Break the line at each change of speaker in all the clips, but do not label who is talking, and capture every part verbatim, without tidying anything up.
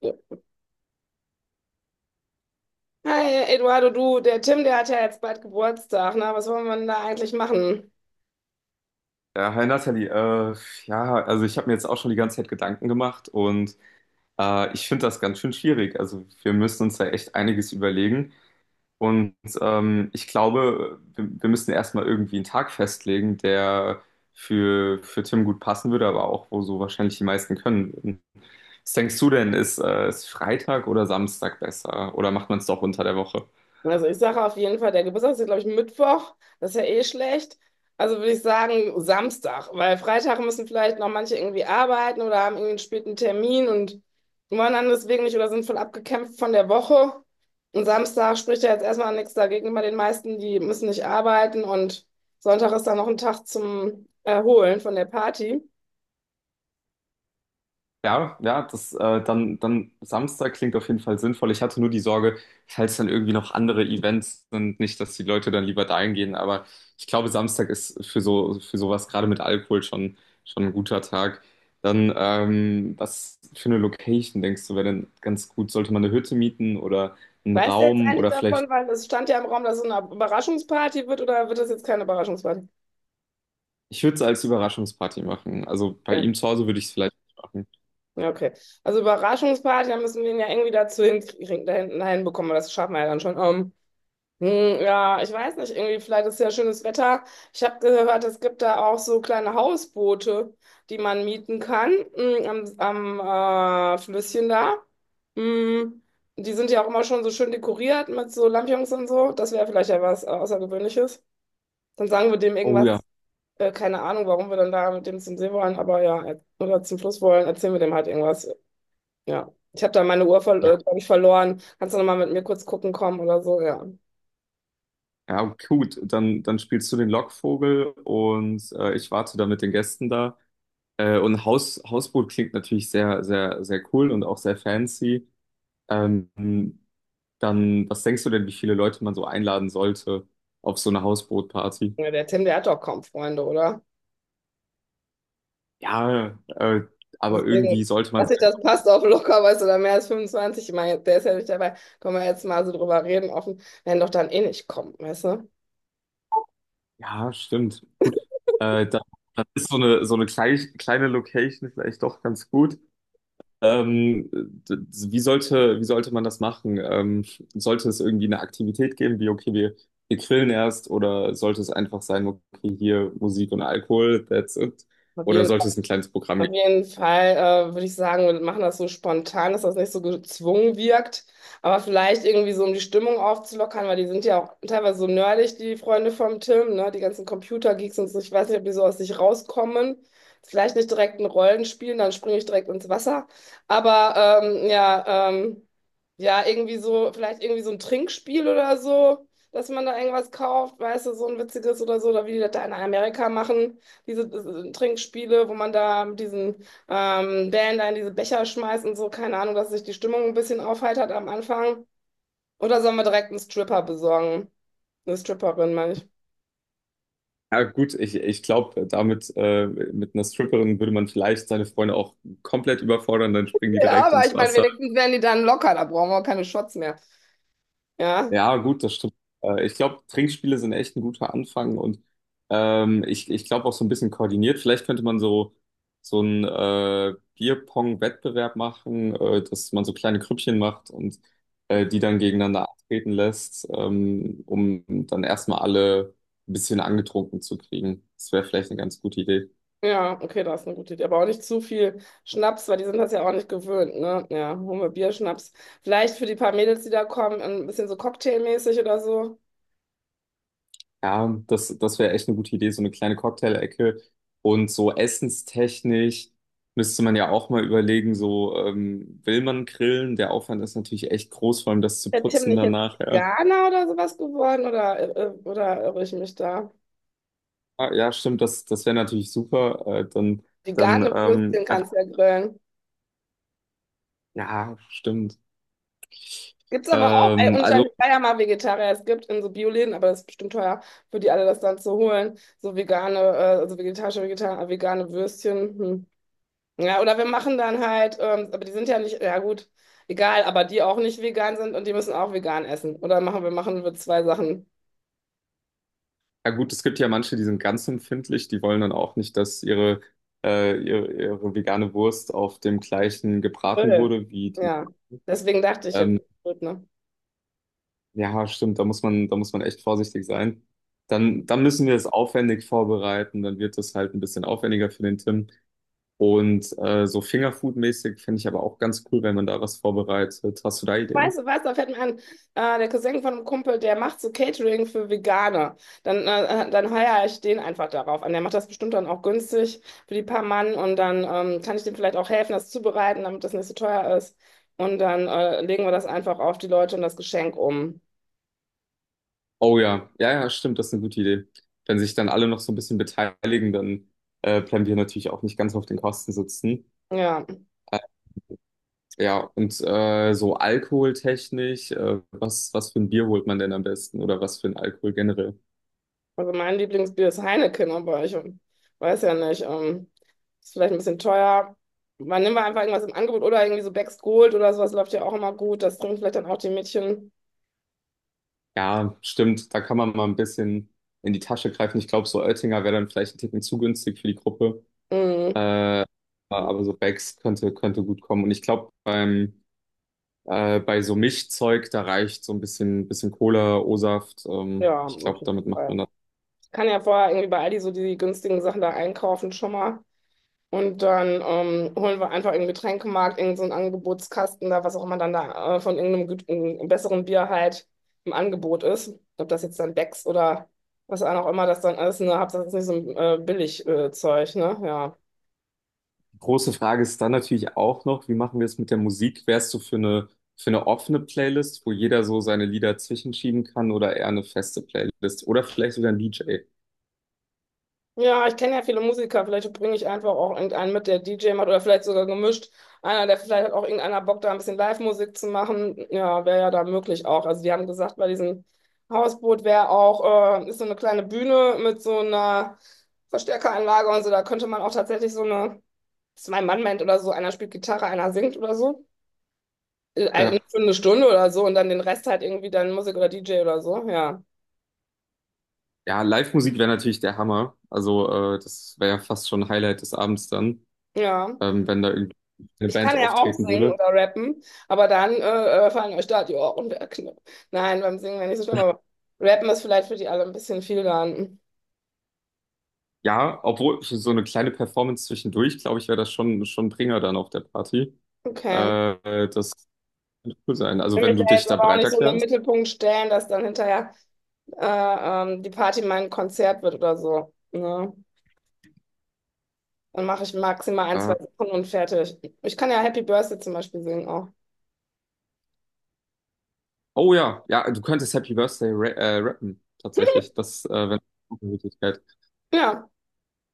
Ja. Hi, Eduardo, du, der Tim, der hat ja jetzt bald Geburtstag, ne? Was wollen wir denn da eigentlich machen?
Ja, hi Nathalie, äh, ja, also ich habe mir jetzt auch schon die ganze Zeit Gedanken gemacht und äh, ich finde das ganz schön schwierig. Also wir müssen uns da echt einiges überlegen und ähm, ich glaube, wir, wir müssen erstmal irgendwie einen Tag festlegen, der für, für Tim gut passen würde, aber auch wo so wahrscheinlich die meisten können würden. Was denkst du denn, ist, äh, ist Freitag oder Samstag besser oder macht man es doch unter der Woche?
Also ich sage auf jeden Fall, der Geburtstag ist, glaube ich, Mittwoch. Das ist ja eh schlecht. Also würde ich sagen Samstag, weil Freitag müssen vielleicht noch manche irgendwie arbeiten oder haben irgendwie einen späten Termin und wollen dann deswegen nicht oder sind voll abgekämpft von der Woche. Und Samstag spricht ja jetzt erstmal nichts dagegen. Bei den meisten, die müssen nicht arbeiten, und Sonntag ist dann noch ein Tag zum Erholen von der Party.
Ja, ja, das äh, dann, dann Samstag klingt auf jeden Fall sinnvoll. Ich hatte nur die Sorge, falls dann irgendwie noch andere Events sind, nicht, dass die Leute dann lieber dahin gehen. Aber ich glaube, Samstag ist für so für sowas gerade mit Alkohol schon schon ein guter Tag. Dann ähm, was für eine Location denkst du, wäre denn ganz gut? Sollte man eine Hütte mieten oder einen
Weißt du jetzt
Raum
eigentlich
oder vielleicht?
davon, weil es stand ja im Raum, dass es eine Überraschungsparty wird, oder wird das jetzt keine Überraschungsparty?
Ich würde es als Überraschungsparty machen. Also bei
Ja,
ihm zu Hause würde ich es vielleicht machen.
ja, okay. Also Überraschungsparty, da müssen wir ihn ja irgendwie dazu hinkriegen, dahin, dahin bekommen, aber das schaffen wir ja dann schon. Ähm, hm, ja, ich weiß nicht, irgendwie, vielleicht ist ja schönes Wetter. Ich habe gehört, es gibt da auch so kleine Hausboote, die man mieten kann, hm, am, am äh, Flüsschen da. Hm, die sind ja auch immer schon so schön dekoriert mit so Lampions und so. Das wäre vielleicht ja was äh, Außergewöhnliches. Dann sagen wir dem
Oh ja.
irgendwas. Äh, keine Ahnung, warum wir dann da mit dem zum See wollen, aber ja, er- oder zum Fluss wollen, erzählen wir dem halt irgendwas. Ja. Ich habe da meine Uhr, ver- äh, glaube ich, verloren. Kannst du nochmal mit mir kurz gucken kommen oder so? Ja.
Ja, gut, dann, dann spielst du den Lockvogel und äh, ich warte dann mit den Gästen da. Äh, und Haus, Hausboot klingt natürlich sehr, sehr, sehr cool und auch sehr fancy. Ähm, Dann, was denkst du denn, wie viele Leute man so einladen sollte auf so eine Hausbootparty?
Ja, der Tim, der hat doch kaum Freunde, oder?
Ja, äh, aber
Deswegen,
irgendwie sollte man
dass sich
sagen,
das passt, auf locker, weißt du, oder mehr als fünfundzwanzig. Ich meine, der ist ja nicht dabei. Können wir jetzt mal so drüber reden, offen. Werden doch dann eh nicht kommen, weißt du?
ja, stimmt, gut. Äh, dann, dann ist so eine, so eine kleine, kleine Location vielleicht doch ganz gut. Ähm, d- d- wie sollte, wie sollte man das machen? Ähm, sollte es irgendwie eine Aktivität geben, wie, okay, wir, wir grillen erst, oder sollte es einfach sein, okay, hier Musik und Alkohol, that's it?
Auf
Oder
jeden
sollte es ein kleines Programm
Auf
geben?
jeden Fall äh, würde ich sagen, wir machen das so spontan, dass das nicht so gezwungen wirkt, aber vielleicht irgendwie so, um die Stimmung aufzulockern, weil die sind ja auch teilweise so nerdig, die Freunde vom Tim, ne? Die ganzen Computergeeks und so. Ich weiß nicht, ob die so aus sich rauskommen. Vielleicht nicht direkt ein Rollenspiel, dann springe ich direkt ins Wasser. Aber ähm, ja, ähm, ja, irgendwie so, vielleicht irgendwie so ein Trinkspiel oder so, dass man da irgendwas kauft, weißt du, so ein witziges oder so, oder wie die das da in Amerika machen, diese äh, Trinkspiele, wo man da mit diesen ähm, Bällen da in diese Becher schmeißt und so, keine Ahnung, dass sich die Stimmung ein bisschen aufheitert am Anfang. Oder sollen wir direkt einen Stripper besorgen? Eine Stripperin, meine ich.
Ja, gut, ich, ich glaube, damit, äh, mit einer Stripperin würde man vielleicht seine Freunde auch komplett überfordern, dann springen die
Ja,
direkt
aber
ins
ich meine,
Wasser.
wenigstens werden die dann locker, da brauchen wir auch keine Shots mehr. Ja,
Ja, gut, das stimmt. Äh, Ich glaube, Trinkspiele sind echt ein guter Anfang und ähm, ich, ich glaube auch so ein bisschen koordiniert. Vielleicht könnte man so, so einen äh, Bierpong-Wettbewerb machen, äh, dass man so kleine Grüppchen macht und äh, die dann gegeneinander antreten lässt, ähm, um dann erstmal alle ein bisschen angetrunken zu kriegen. Das wäre vielleicht eine ganz gute Idee.
ja, okay, das ist eine gute Idee. Aber auch nicht zu viel Schnaps, weil die sind das ja auch nicht gewöhnt, ne? Ja, holen wir Bier, Schnaps. Vielleicht für die paar Mädels, die da kommen, ein bisschen so cocktailmäßig oder so.
Ja, das, das wäre echt eine gute Idee, so eine kleine Cocktail-Ecke. Und so essenstechnisch müsste man ja auch mal überlegen, so ähm, will man grillen? Der Aufwand ist natürlich echt groß, vor allem das zu
Der Tim
putzen
nicht jetzt
danach. Ja,
Veganer oder sowas geworden oder, äh, oder irre ich mich da?
Ah, ja stimmt, das, das wäre natürlich super. Äh, dann dann
Vegane Würstchen
ähm, einfach,
kannst du ja grillen.
ja, stimmt.
Gibt's aber auch, ey,
Ähm,
und ich
also,
war ja mal Vegetarier, es gibt in so Bioläden, aber das ist bestimmt teuer für die alle, das dann zu holen. So vegane, äh, also vegetarische, vegeta- vegane Würstchen. Hm. Ja, oder wir machen dann halt, ähm, aber die sind ja nicht, ja gut, egal, aber die auch nicht vegan sind und die müssen auch vegan essen. Oder machen wir, machen wir zwei Sachen.
ja gut, es gibt ja manche, die sind ganz empfindlich, die wollen dann auch nicht, dass ihre, äh, ihre, ihre vegane Wurst auf dem gleichen gebraten
Grill.
wurde wie die.
Ja, deswegen dachte ich jetzt,
ähm,
gut, ne?
Ja, stimmt, da muss man, da muss man echt vorsichtig sein. Dann, dann müssen wir es aufwendig vorbereiten, dann wird es halt ein bisschen aufwendiger für den Tim. Und äh, so Fingerfood-mäßig finde ich aber auch ganz cool, wenn man da was vorbereitet. Hast du da
Weißt
Ideen?
du, weißt du, da fällt mir ein, äh, der Cousin von einem Kumpel, der macht so Catering für Veganer. Dann, äh, äh, dann heuer ich den einfach darauf an. Der macht das bestimmt dann auch günstig für die paar Mann und dann ähm, kann ich dem vielleicht auch helfen, das zubereiten, damit das nicht so teuer ist. Und dann äh, legen wir das einfach auf die Leute und das Geschenk um.
Oh ja, ja, ja, stimmt, das ist eine gute Idee. Wenn sich dann alle noch so ein bisschen beteiligen, dann äh, bleiben wir natürlich auch nicht ganz auf den Kosten sitzen.
Ja,
Äh, ja, und äh, so alkoholtechnisch, äh, was, was für ein Bier holt man denn am besten oder was für ein Alkohol generell?
also mein Lieblingsbier ist Heineken, aber ich ähm, weiß ja nicht, ähm, ist vielleicht ein bisschen teuer. Man nimmt einfach irgendwas im Angebot oder irgendwie so Beck's Gold oder sowas, läuft ja auch immer gut. Das trinken vielleicht dann auch die Mädchen.
Ja, stimmt. Da kann man mal ein bisschen in die Tasche greifen. Ich glaube, so Oettinger wäre dann vielleicht ein Ticken zu günstig für die Gruppe.
Mm.
Äh, aber so Becks könnte, könnte gut kommen. Und ich glaube, beim, äh, bei so Mischzeug, da reicht so ein bisschen, bisschen Cola, O-Saft. Ähm,
Ja,
ich
auf
glaube,
jeden
damit macht man
Fall.
das.
Ich kann ja vorher irgendwie bei Aldi so die günstigen Sachen da einkaufen schon mal. Und dann ähm, holen wir einfach im Getränkemarkt irgend so einen Angebotskasten da, was auch immer dann da äh, von irgendeinem gut, einem besseren Bier halt im Angebot ist. Ob das jetzt dann Becks oder was auch immer das dann ist, ne? Hauptsache, das ist nicht so ein äh, Billig-Zeug, ne? Ja.
Große Frage ist dann natürlich auch noch, wie machen wir es mit der Musik? Wärst du für eine, für eine offene Playlist, wo jeder so seine Lieder zwischenschieben kann oder eher eine feste Playlist oder vielleicht sogar ein D J?
Ja, ich kenne ja viele Musiker. Vielleicht bringe ich einfach auch irgendeinen mit, der D J macht oder vielleicht sogar gemischt. Einer, der vielleicht, hat auch irgendeiner Bock, da ein bisschen Live-Musik zu machen. Ja, wäre ja da möglich auch. Also die haben gesagt, bei diesem Hausboot wäre auch, äh, ist so eine kleine Bühne mit so einer Verstärkeranlage und so. Da könnte man auch tatsächlich so eine Zwei-Mann-Band oder so. Einer spielt Gitarre, einer singt oder so. Äh, Für eine Stunde oder so und dann den Rest halt irgendwie dann Musik oder D J oder so. Ja.
Ja, Live-Musik wäre natürlich der Hammer. Also, äh, das wäre ja fast schon ein Highlight des Abends dann,
Ja.
ähm, wenn da irgendwie eine
Ich
Band
kann ja auch
auftreten
singen
würde.
oder rappen, aber dann äh, äh, fallen euch da die Ohren weg. Ne? Nein, beim Singen wäre nicht so schlimm, aber rappen ist vielleicht für die alle ein bisschen viel dann.
Ja, obwohl für so eine kleine Performance zwischendurch, glaube ich, wäre das schon, schon ein Bringer dann auf der Party.
Okay.
Äh, das wird cool sein.
Ich
Also,
will
wenn
mich da
du dich
jetzt
da
aber auch
bereit
nicht so in den
erklärst.
Mittelpunkt stellen, dass dann hinterher äh, ähm, die Party mein Konzert wird oder so. Ne? Dann mache ich maximal ein, zwei
Äh,
Sachen und fertig. Ich kann ja Happy Birthday zum Beispiel singen auch.
oh ja, ja, du könntest Happy Birthday ra äh, rappen, tatsächlich. Das äh, wäre eine Möglichkeit.
Ja,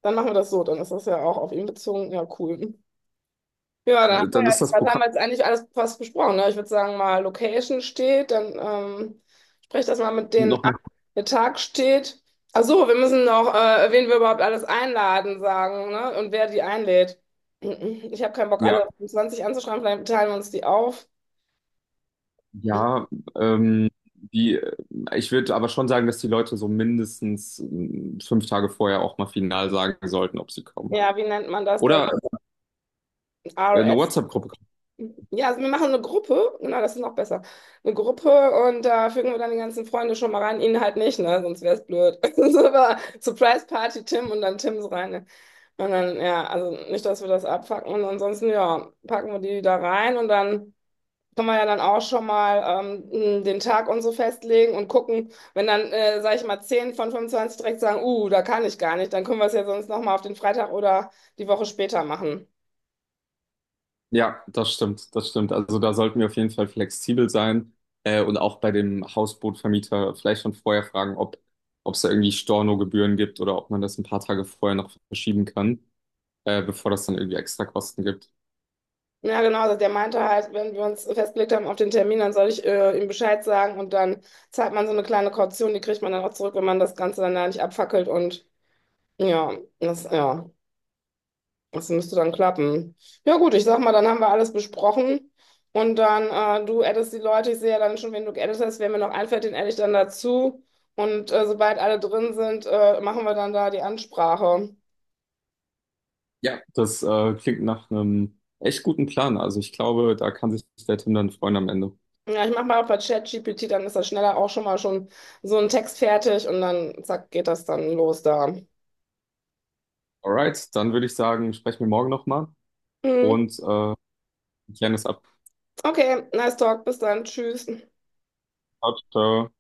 dann machen wir das so. Dann ist das ja auch auf ihn bezogen. Ja, cool. Ja,
Dann,
da
äh,
haben wir
dann
ja
ist
jetzt,
das
was haben
Programm
wir jetzt eigentlich alles fast besprochen, ne? Ich würde sagen, mal Location steht, dann ähm, sprech das mal mit
bestimmt
denen
noch
ab.
mal.
Der Tag steht. Ach so, wir müssen noch, äh, wen wir überhaupt alles einladen, sagen, ne? Und wer die einlädt. Ich habe keinen Bock, alle zwanzig anzuschreiben, vielleicht teilen wir uns die auf.
Ja, ähm, die, äh, ich würde aber schon sagen, dass die Leute so mindestens ähm, fünf Tage vorher auch mal final sagen sollten, ob sie kommen.
Ja, wie nennt man das dann?
Oder äh, eine WhatsApp-Gruppe.
Ja, also wir machen eine Gruppe, genau, das ist noch besser. Eine Gruppe, und da fügen wir dann die ganzen Freunde schon mal rein, ihn halt nicht, ne? Sonst wäre es blöd. So, aber Surprise Party Tim, und dann Tims rein. Ne? Und dann, ja, also nicht, dass wir das abfacken, und ansonsten, ja, packen wir die da rein und dann können wir ja dann auch schon mal ähm, den Tag und so festlegen und gucken, wenn dann, äh, sag ich mal, zehn von fünfundzwanzig direkt sagen, uh, da kann ich gar nicht, dann können wir es ja sonst nochmal auf den Freitag oder die Woche später machen.
Ja, das stimmt, das stimmt. Also da sollten wir auf jeden Fall flexibel sein äh, und auch bei dem Hausbootvermieter vielleicht schon vorher fragen, ob ob es da irgendwie Stornogebühren gibt oder ob man das ein paar Tage vorher noch verschieben kann, äh, bevor das dann irgendwie extra Kosten gibt.
Ja, genau, also der meinte halt, wenn wir uns festgelegt haben auf den Termin, dann soll ich äh, ihm Bescheid sagen und dann zahlt man so eine kleine Kaution, die kriegt man dann auch zurück, wenn man das Ganze dann da nicht abfackelt und ja, das, ja, das müsste dann klappen. Ja gut, ich sag mal, dann haben wir alles besprochen und dann, äh, du addest die Leute, ich sehe ja dann schon, wen du geaddet hast, wer mir noch einfällt, den adde ich dann dazu und äh, sobald alle drin sind, äh, machen wir dann da die Ansprache.
Ja, das äh, klingt nach einem echt guten Plan. Also ich glaube, da kann sich der Tim dann freuen am Ende.
Ja, ich mache mal bei ChatGPT, dann ist das schneller auch schon mal schon so ein Text fertig und dann zack, geht das dann los da.
Alright, dann würde ich sagen, sprechen wir morgen nochmal
Mhm.
und äh, klären das ab.
Okay, nice talk, bis dann, tschüss.
Ciao, ciao.